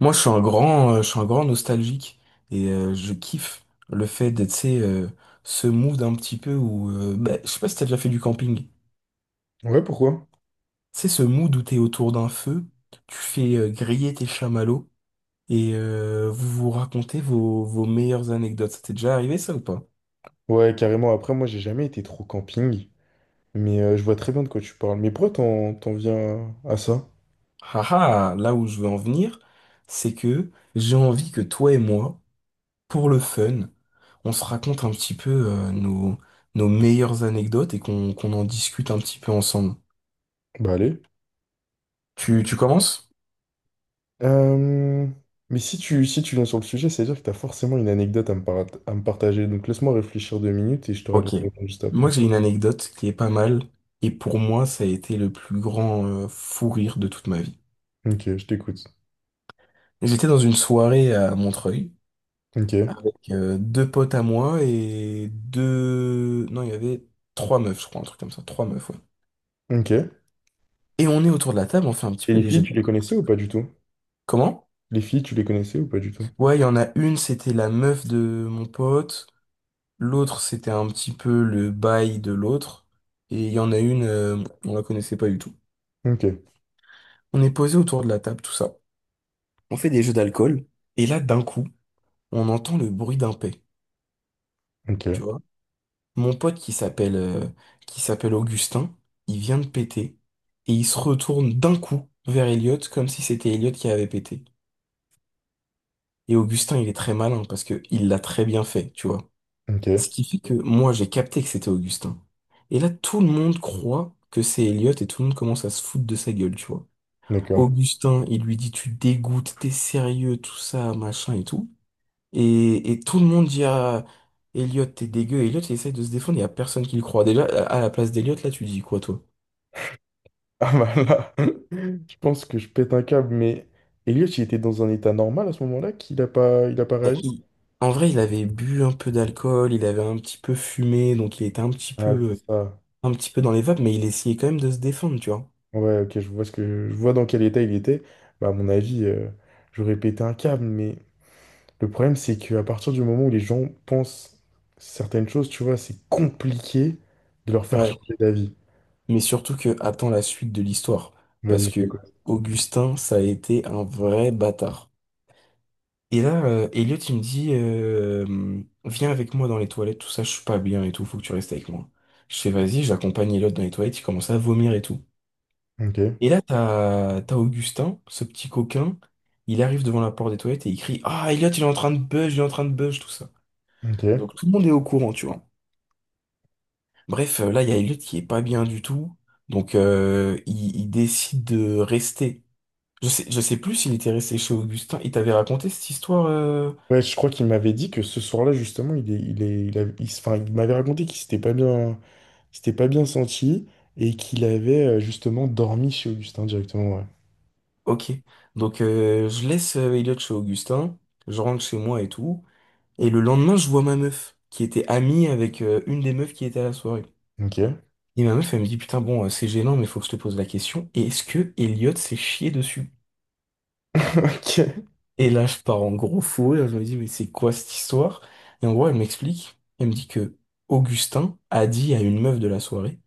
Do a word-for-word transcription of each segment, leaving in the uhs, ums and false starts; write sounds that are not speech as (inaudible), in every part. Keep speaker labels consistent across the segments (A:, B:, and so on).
A: Moi, je suis un grand, euh, je suis un grand nostalgique et euh, je kiffe le fait d'être, tu sais, euh, ce mood un petit peu où, euh, bah, je sais pas si t'as déjà fait du camping.
B: Ouais, pourquoi?
A: C'est ce mood où t'es autour d'un feu, tu fais euh, griller tes chamallows et euh, vous vous racontez vos, vos meilleures anecdotes. Ça t'est déjà arrivé ça ou pas?
B: Ouais, carrément. Après, moi, j'ai jamais été trop camping, mais euh, je vois très bien de quoi tu parles. Mais pourquoi t'en, t'en viens à à ça?
A: Haha, là où je veux en venir, c'est que j'ai envie que toi et moi, pour le fun, on se raconte un petit peu euh, nos, nos meilleures anecdotes et qu'on qu'on en discute un petit peu ensemble.
B: Bah, allez.
A: Tu, tu commences?
B: Euh, Mais si tu, si tu viens sur le sujet, c'est-à-dire que t'as forcément une anecdote à me, par- à me partager. Donc, laisse-moi réfléchir deux minutes et je te raconte
A: Ok.
B: juste
A: Moi,
B: après.
A: j'ai une anecdote qui est pas mal, et pour moi, ça a été le plus grand euh, fou rire de toute ma vie.
B: Ok, je t'écoute.
A: J'étais dans une soirée à Montreuil
B: Ok,
A: avec euh, deux potes à moi et deux... Non, il y avait trois meufs, je crois, un truc comme ça, trois meufs, ouais.
B: ok.
A: Et on est autour de la table, on fait un petit
B: Et
A: peu
B: les
A: des
B: filles,
A: jeux. de-
B: tu les connaissais ou pas du tout?
A: Comment?
B: Les filles, tu les connaissais ou pas du tout?
A: Ouais, il y en a une, c'était la meuf de mon pote, l'autre, c'était un petit peu le bail de l'autre, et il y en a une, euh, on la connaissait pas du tout.
B: Ok,
A: On est posé autour de la table, tout ça. On fait des jeux d'alcool, et là, d'un coup, on entend le bruit d'un pet,
B: ok,
A: tu vois. Mon pote qui s'appelle euh, qui s'appelle Augustin, il vient de péter, et il se retourne d'un coup vers Elliot, comme si c'était Elliot qui avait pété. Et Augustin, il est très malin, parce que il l'a très bien fait, tu vois. Ce
B: ok.
A: qui fait que moi, j'ai capté que c'était Augustin. Et là, tout le monde croit que c'est Elliot, et tout le monde commence à se foutre de sa gueule, tu vois.
B: D'accord.
A: Augustin, il lui dit, tu dégoûtes, t'es sérieux, tout ça, machin et tout. Et, et tout le monde dit à Elliot, t'es dégueu. Elliot, il essaye de se défendre, il y a personne qui le croit. Déjà, à à la place d'Elliot, là, tu dis quoi, toi?
B: (laughs) Ah bah là, (laughs) je pense que je pète un câble, mais Elliot, il était dans un état normal à ce moment-là, qu'il a pas, il a pas
A: Ben,
B: réagi?
A: il- en vrai, il avait bu un peu d'alcool, il avait un petit peu fumé, donc il était un petit
B: Ah, c'est
A: peu,
B: ça.
A: un petit peu dans les vapes, mais il essayait quand même de se défendre, tu vois.
B: Ouais, ok, je vois ce que, je vois dans quel état il était. Bah, à mon avis, euh, j'aurais pété un câble, mais le problème, c'est qu'à partir du moment où les gens pensent certaines choses, tu vois, c'est compliqué de leur faire
A: Ouais.
B: changer d'avis.
A: Mais surtout que, attends la suite de l'histoire.
B: Vas-y,
A: Parce
B: je
A: que
B: t'écoute.
A: Augustin, ça a été un vrai bâtard. Et là, euh, Elliot, il me dit, euh, viens avec moi dans les toilettes, tout ça, je suis pas bien et tout, faut que tu restes avec moi. Je fais, vas-y, j'accompagne Elliot dans les toilettes, il commence à vomir et tout.
B: Ok,
A: Et là, t'as, t'as Augustin, ce petit coquin, il arrive devant la porte des toilettes et il crie, ah, Elliot, il est en train de buzz, il est en train de buzz, tout ça.
B: ok.
A: Donc tout le monde est au courant, tu vois. Bref, euh, là, il y a Elliot qui est pas bien du tout, donc euh, il, il décide de rester. Je sais, je sais plus s'il était resté chez Augustin, il t'avait raconté cette histoire euh,
B: Ouais, je crois qu'il m'avait dit que ce soir-là, justement, il est, il est, il a- il s- enfin, il m'avait raconté qu'il s'était pas bien. s'était pas bien senti et qu'il avait euh, justement dormi chez Augustin directement, ouais.
A: ok, donc euh, je laisse euh, Elliot chez Augustin, je rentre chez moi et tout, et le lendemain je vois ma meuf, qui était amie avec euh, une des meufs qui était à la soirée.
B: Ok.
A: Et ma meuf elle me dit putain bon euh, c'est gênant mais faut que je te pose la question, est-ce que Elliot s'est chié dessus?
B: (laughs) Ok.
A: Et là je pars en gros fou rire, je me dis mais c'est quoi cette histoire? Et en gros elle m'explique, elle me dit que Augustin a dit à une meuf de la soirée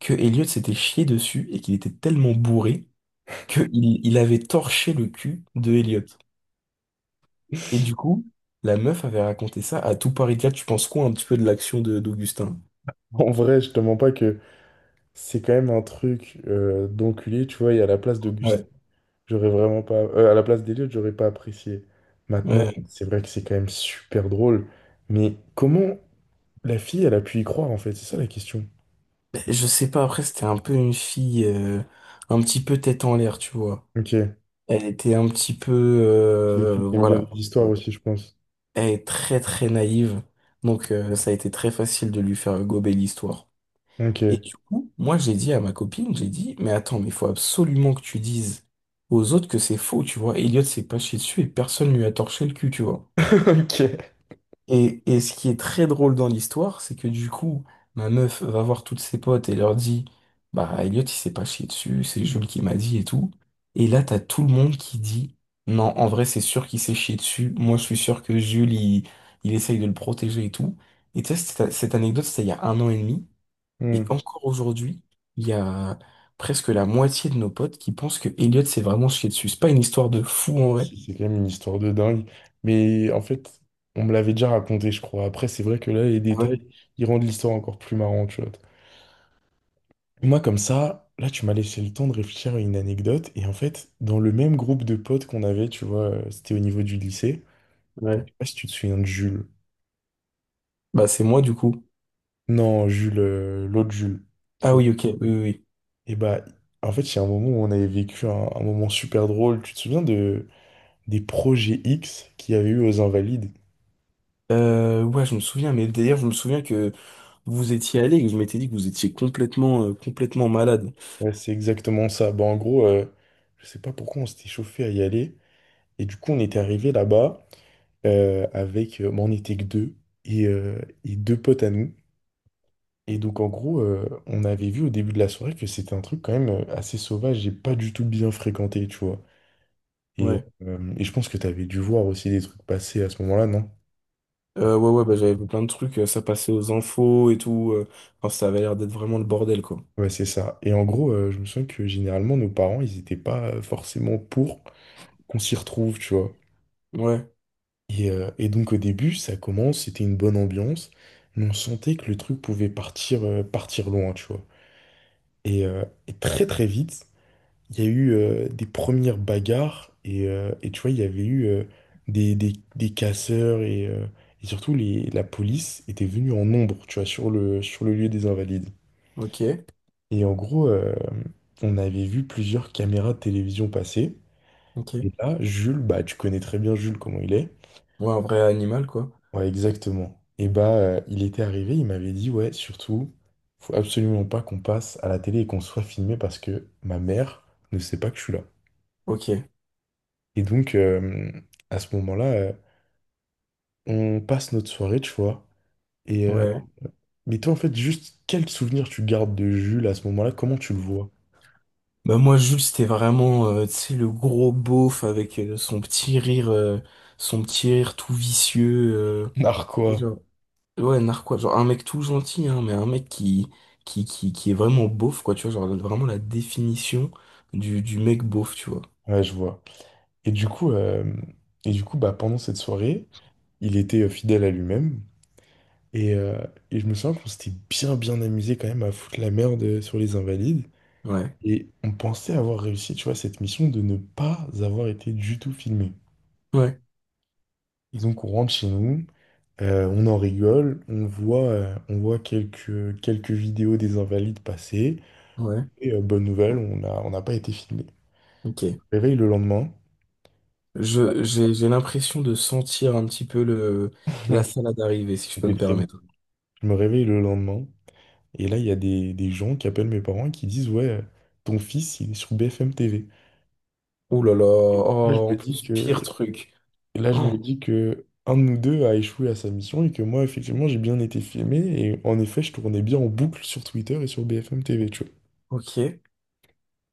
A: que Elliot s'était chié dessus et qu'il était tellement bourré qu'il il il avait torché le cul de Elliot. Et du coup, la meuf avait raconté ça à tout Paris quatre. Tu penses quoi un petit peu de l'action de d'Augustin?
B: En vrai, je te mens pas que c'est quand même un truc euh, d'enculé, tu vois, et à la place d'Auguste,
A: Ouais,
B: j'aurais vraiment pas... euh, à la place d'Eliott, j'aurais pas apprécié. Maintenant,
A: ouais.
B: c'est vrai que c'est quand même super drôle, mais comment la fille, elle a pu y croire, en fait? C'est ça la question.
A: Ben, je sais pas, après, c'était un peu une fille euh, un petit peu tête en l'air, tu vois.
B: Ok.
A: Elle était un petit peu...
B: C'est une
A: euh,
B: fille qui aime bien
A: voilà.
B: les histoires aussi, je pense.
A: Elle est très très naïve, donc euh, ça a été très facile de lui faire gober l'histoire. Et
B: Ok.
A: du coup, moi j'ai dit à ma copine, j'ai dit, mais attends, mais il faut absolument que tu dises aux autres que c'est faux, tu vois. Elliot s'est pas chié dessus et personne lui a torché le cul, tu vois.
B: (laughs) Ok.
A: Et, et ce qui est très drôle dans l'histoire, c'est que du coup, ma meuf va voir toutes ses potes et leur dit, bah Elliot, il s'est pas chié dessus, c'est Jules qui m'a dit et tout. Et là, t'as tout le monde qui dit, non, en vrai, c'est sûr qu'il s'est chié dessus. Moi, je suis sûr que Jules, il, il essaye de le protéger et tout. Et tu sais, cette, cette anecdote, c'était il y a un an et demi. Et
B: Hmm.
A: encore aujourd'hui, il y a presque la moitié de nos potes qui pensent que Elliot s'est vraiment chié dessus. C'est pas une histoire de fou en vrai.
B: C'est c'est quand même une histoire de dingue. Mais en fait, on me l'avait déjà raconté, je crois. Après, c'est vrai que là, les
A: Ah ouais?
B: détails, ils rendent l'histoire encore plus marrante, tu vois. Moi, comme ça, là, tu m'as laissé le temps de réfléchir à une anecdote. Et en fait, dans le même groupe de potes qu'on avait, tu vois, euh, c'était au niveau du lycée.
A: Ouais.
B: Je sais pas si tu te souviens de Jules.
A: Bah, c'est moi, du coup.
B: Non, Jules, euh, l'autre Jules. tu
A: Ah
B: vois.
A: oui, ok, oui, oui, oui.
B: Et bah, en fait, il y a un moment où on avait vécu un, un moment super drôle. Tu te souviens de, des projets X qu'il y avait eu aux Invalides?
A: Euh, ouais, je me souviens, mais d'ailleurs, je me souviens que vous étiez allé et que je m'étais dit que vous étiez complètement, euh, complètement malade.
B: Ouais, c'est exactement ça. Bah, en gros, euh, je sais pas pourquoi on s'était chauffé à y aller. Et du coup, on était arrivé là-bas euh, avec. Euh, bah, on était que deux et, euh, et deux potes à nous. Et donc, en gros, euh, on avait vu au début de la soirée que c'était un truc quand même euh, assez sauvage et pas du tout bien fréquenté, tu vois. Et,
A: Ouais.
B: euh, et je pense que tu avais dû voir aussi des trucs passer à ce moment-là, non?
A: Euh, ouais, ouais, bah, j'avais vu plein de trucs, euh, ça passait aux infos et tout. Euh, enfin, ça avait l'air d'être vraiment le bordel, quoi.
B: Ouais, c'est ça. Et en gros, euh, je me souviens que généralement, nos parents, ils étaient pas euh, forcément pour qu'on s'y retrouve, tu vois.
A: Ouais,
B: Et, euh, et donc au début, ça commence, c'était une bonne ambiance, mais on sentait que le truc pouvait partir, euh, partir loin, tu vois. Et, euh, et très très vite, il y a eu euh, des premières bagarres, et, euh, et tu vois, il y avait eu euh, des, des, des casseurs, et, euh, et surtout les, la police était venue en nombre, tu vois, sur le, sur le lieu des Invalides.
A: ok,
B: Et en gros, euh, on avait vu plusieurs caméras de télévision passer,
A: ok.
B: et là, Jules, bah tu connais très bien Jules comment il est.
A: Ouais, un vrai animal, quoi.
B: Ouais, exactement. Et bah, euh, il était arrivé, il m'avait dit, ouais, surtout, faut absolument pas qu'on passe à la télé et qu'on (laughs) soit filmé parce que ma mère ne sait pas que je suis là.
A: Ok,
B: Et donc, euh, à ce moment-là, euh, on passe notre soirée, tu vois. Et euh,
A: ouais.
B: mais toi, en fait, juste quel souvenir tu gardes de Jules à ce moment-là? Comment tu le vois?
A: Bah, moi, Jules, c'était vraiment, euh, tu sais, le gros beauf avec euh, son petit rire, euh, son petit rire tout vicieux.
B: Narquois.
A: euh, Ouais, narquois, genre un mec tout gentil, hein, mais un mec qui, qui, qui, qui est vraiment beauf, quoi, tu vois, genre vraiment la définition du, du mec beauf, tu vois.
B: Ouais, je vois. Et du coup, euh, et du coup, bah, pendant cette soirée, il était euh, fidèle à lui-même. Et, euh, et je me souviens qu'on s'était bien bien amusé quand même à foutre la merde euh, sur les Invalides.
A: Ouais,
B: Et on pensait avoir réussi, tu vois, cette mission de ne pas avoir été du tout filmé.
A: ouais,
B: Et donc on rentre chez nous, euh, on en rigole, on voit, euh, on voit quelques, quelques vidéos des Invalides passer.
A: ouais,
B: Et euh, bonne nouvelle, on a, on n'a pas été filmé. Je
A: ok.
B: me réveille le lendemain,
A: Je, j'ai, j'ai l'impression de sentir un petit peu le, la salade arriver, si je peux
B: c'était
A: me
B: très bon.
A: permettre.
B: Je me réveille le lendemain, et là il y a des, des gens qui appellent mes parents et qui disent, ouais, euh, ton fils, il est sur B F M T V.
A: Ouh là là,
B: Et donc là,
A: oh,
B: je me
A: en
B: dis
A: plus, pire
B: que
A: truc.
B: Et là, je
A: Oh,
B: me dis que un de nous deux a échoué à sa mission et que moi, effectivement, j'ai bien été filmé. Et en effet, je tournais bien en boucle sur Twitter et sur B F M T V, tu vois.
A: ok.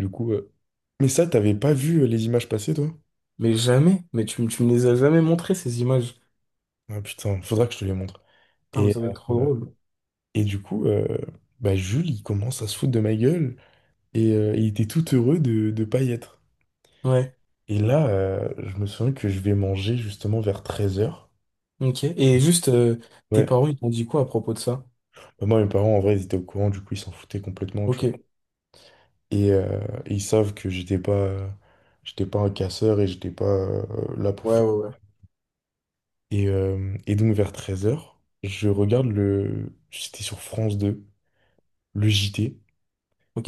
B: Du coup, euh, mais ça, t'avais pas vu euh, les images passer, toi?
A: Mais jamais, mais tu, me- tu me les as jamais montré ces images.
B: Ah putain, faudra que je te les montre.
A: Putain, mais
B: Et,
A: ça doit être trop
B: euh,
A: drôle.
B: et du coup, euh, bah, Jules, il commence à se foutre de ma gueule et euh, il était tout heureux de ne pas y être.
A: Ouais,
B: Et là, euh, je me souviens que je vais manger justement vers treize heures.
A: ok. Et juste, euh, tes
B: Ouais.
A: parents, ils t'ont dit quoi à propos de ça?
B: Bah, moi, mes parents, en vrai, ils étaient au courant, du coup, ils s'en foutaient complètement, tu
A: Ok,
B: vois.
A: ouais,
B: Et, euh, et ils savent que j'étais pas, j'étais pas un casseur et j'étais pas euh, là pour
A: ouais,
B: faire.
A: ouais,
B: Et, euh, et donc vers treize heures je regarde le. C'était sur France deux, le J T.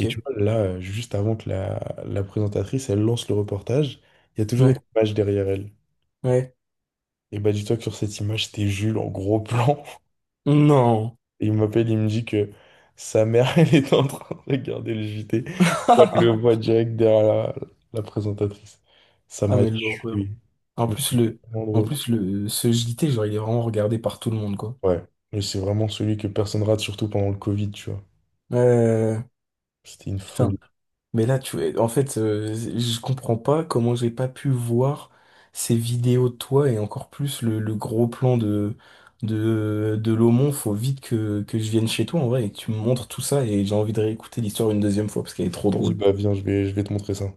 B: Et tu vois, là, euh, juste avant que la, la présentatrice, elle lance le reportage, il y a toujours
A: Ouais,
B: une image derrière elle.
A: ouais.
B: Et bah dis-toi que sur cette image, c'était Jules en gros (laughs) plan.
A: Non.
B: Et il m'appelle, il me dit que sa mère, (laughs) elle est en train de regarder le J T. Elle le voit
A: (laughs)
B: direct derrière la, la présentatrice. Ça
A: Ah
B: m'a
A: mais l'horreur.
B: tué.
A: En
B: Mais
A: plus
B: c'était
A: le,
B: vraiment
A: en
B: drôle.
A: plus le, ce J T, genre il est vraiment regardé par tout le monde quoi.
B: Ouais, mais c'est vraiment celui que personne rate, surtout pendant le Covid, tu vois.
A: Euh,
B: C'était une
A: putain.
B: folie.
A: Mais là tu, en fait, euh, je comprends pas comment j'ai pas pu voir ces vidéos de toi et encore plus le, le gros plan de de de l'Aumont. Faut vite que que je vienne chez toi en vrai et que tu me montres tout ça et j'ai envie de réécouter l'histoire une deuxième fois parce qu'elle est trop
B: Vas-y,
A: drôle.
B: bah viens, je vais, je vais te montrer ça.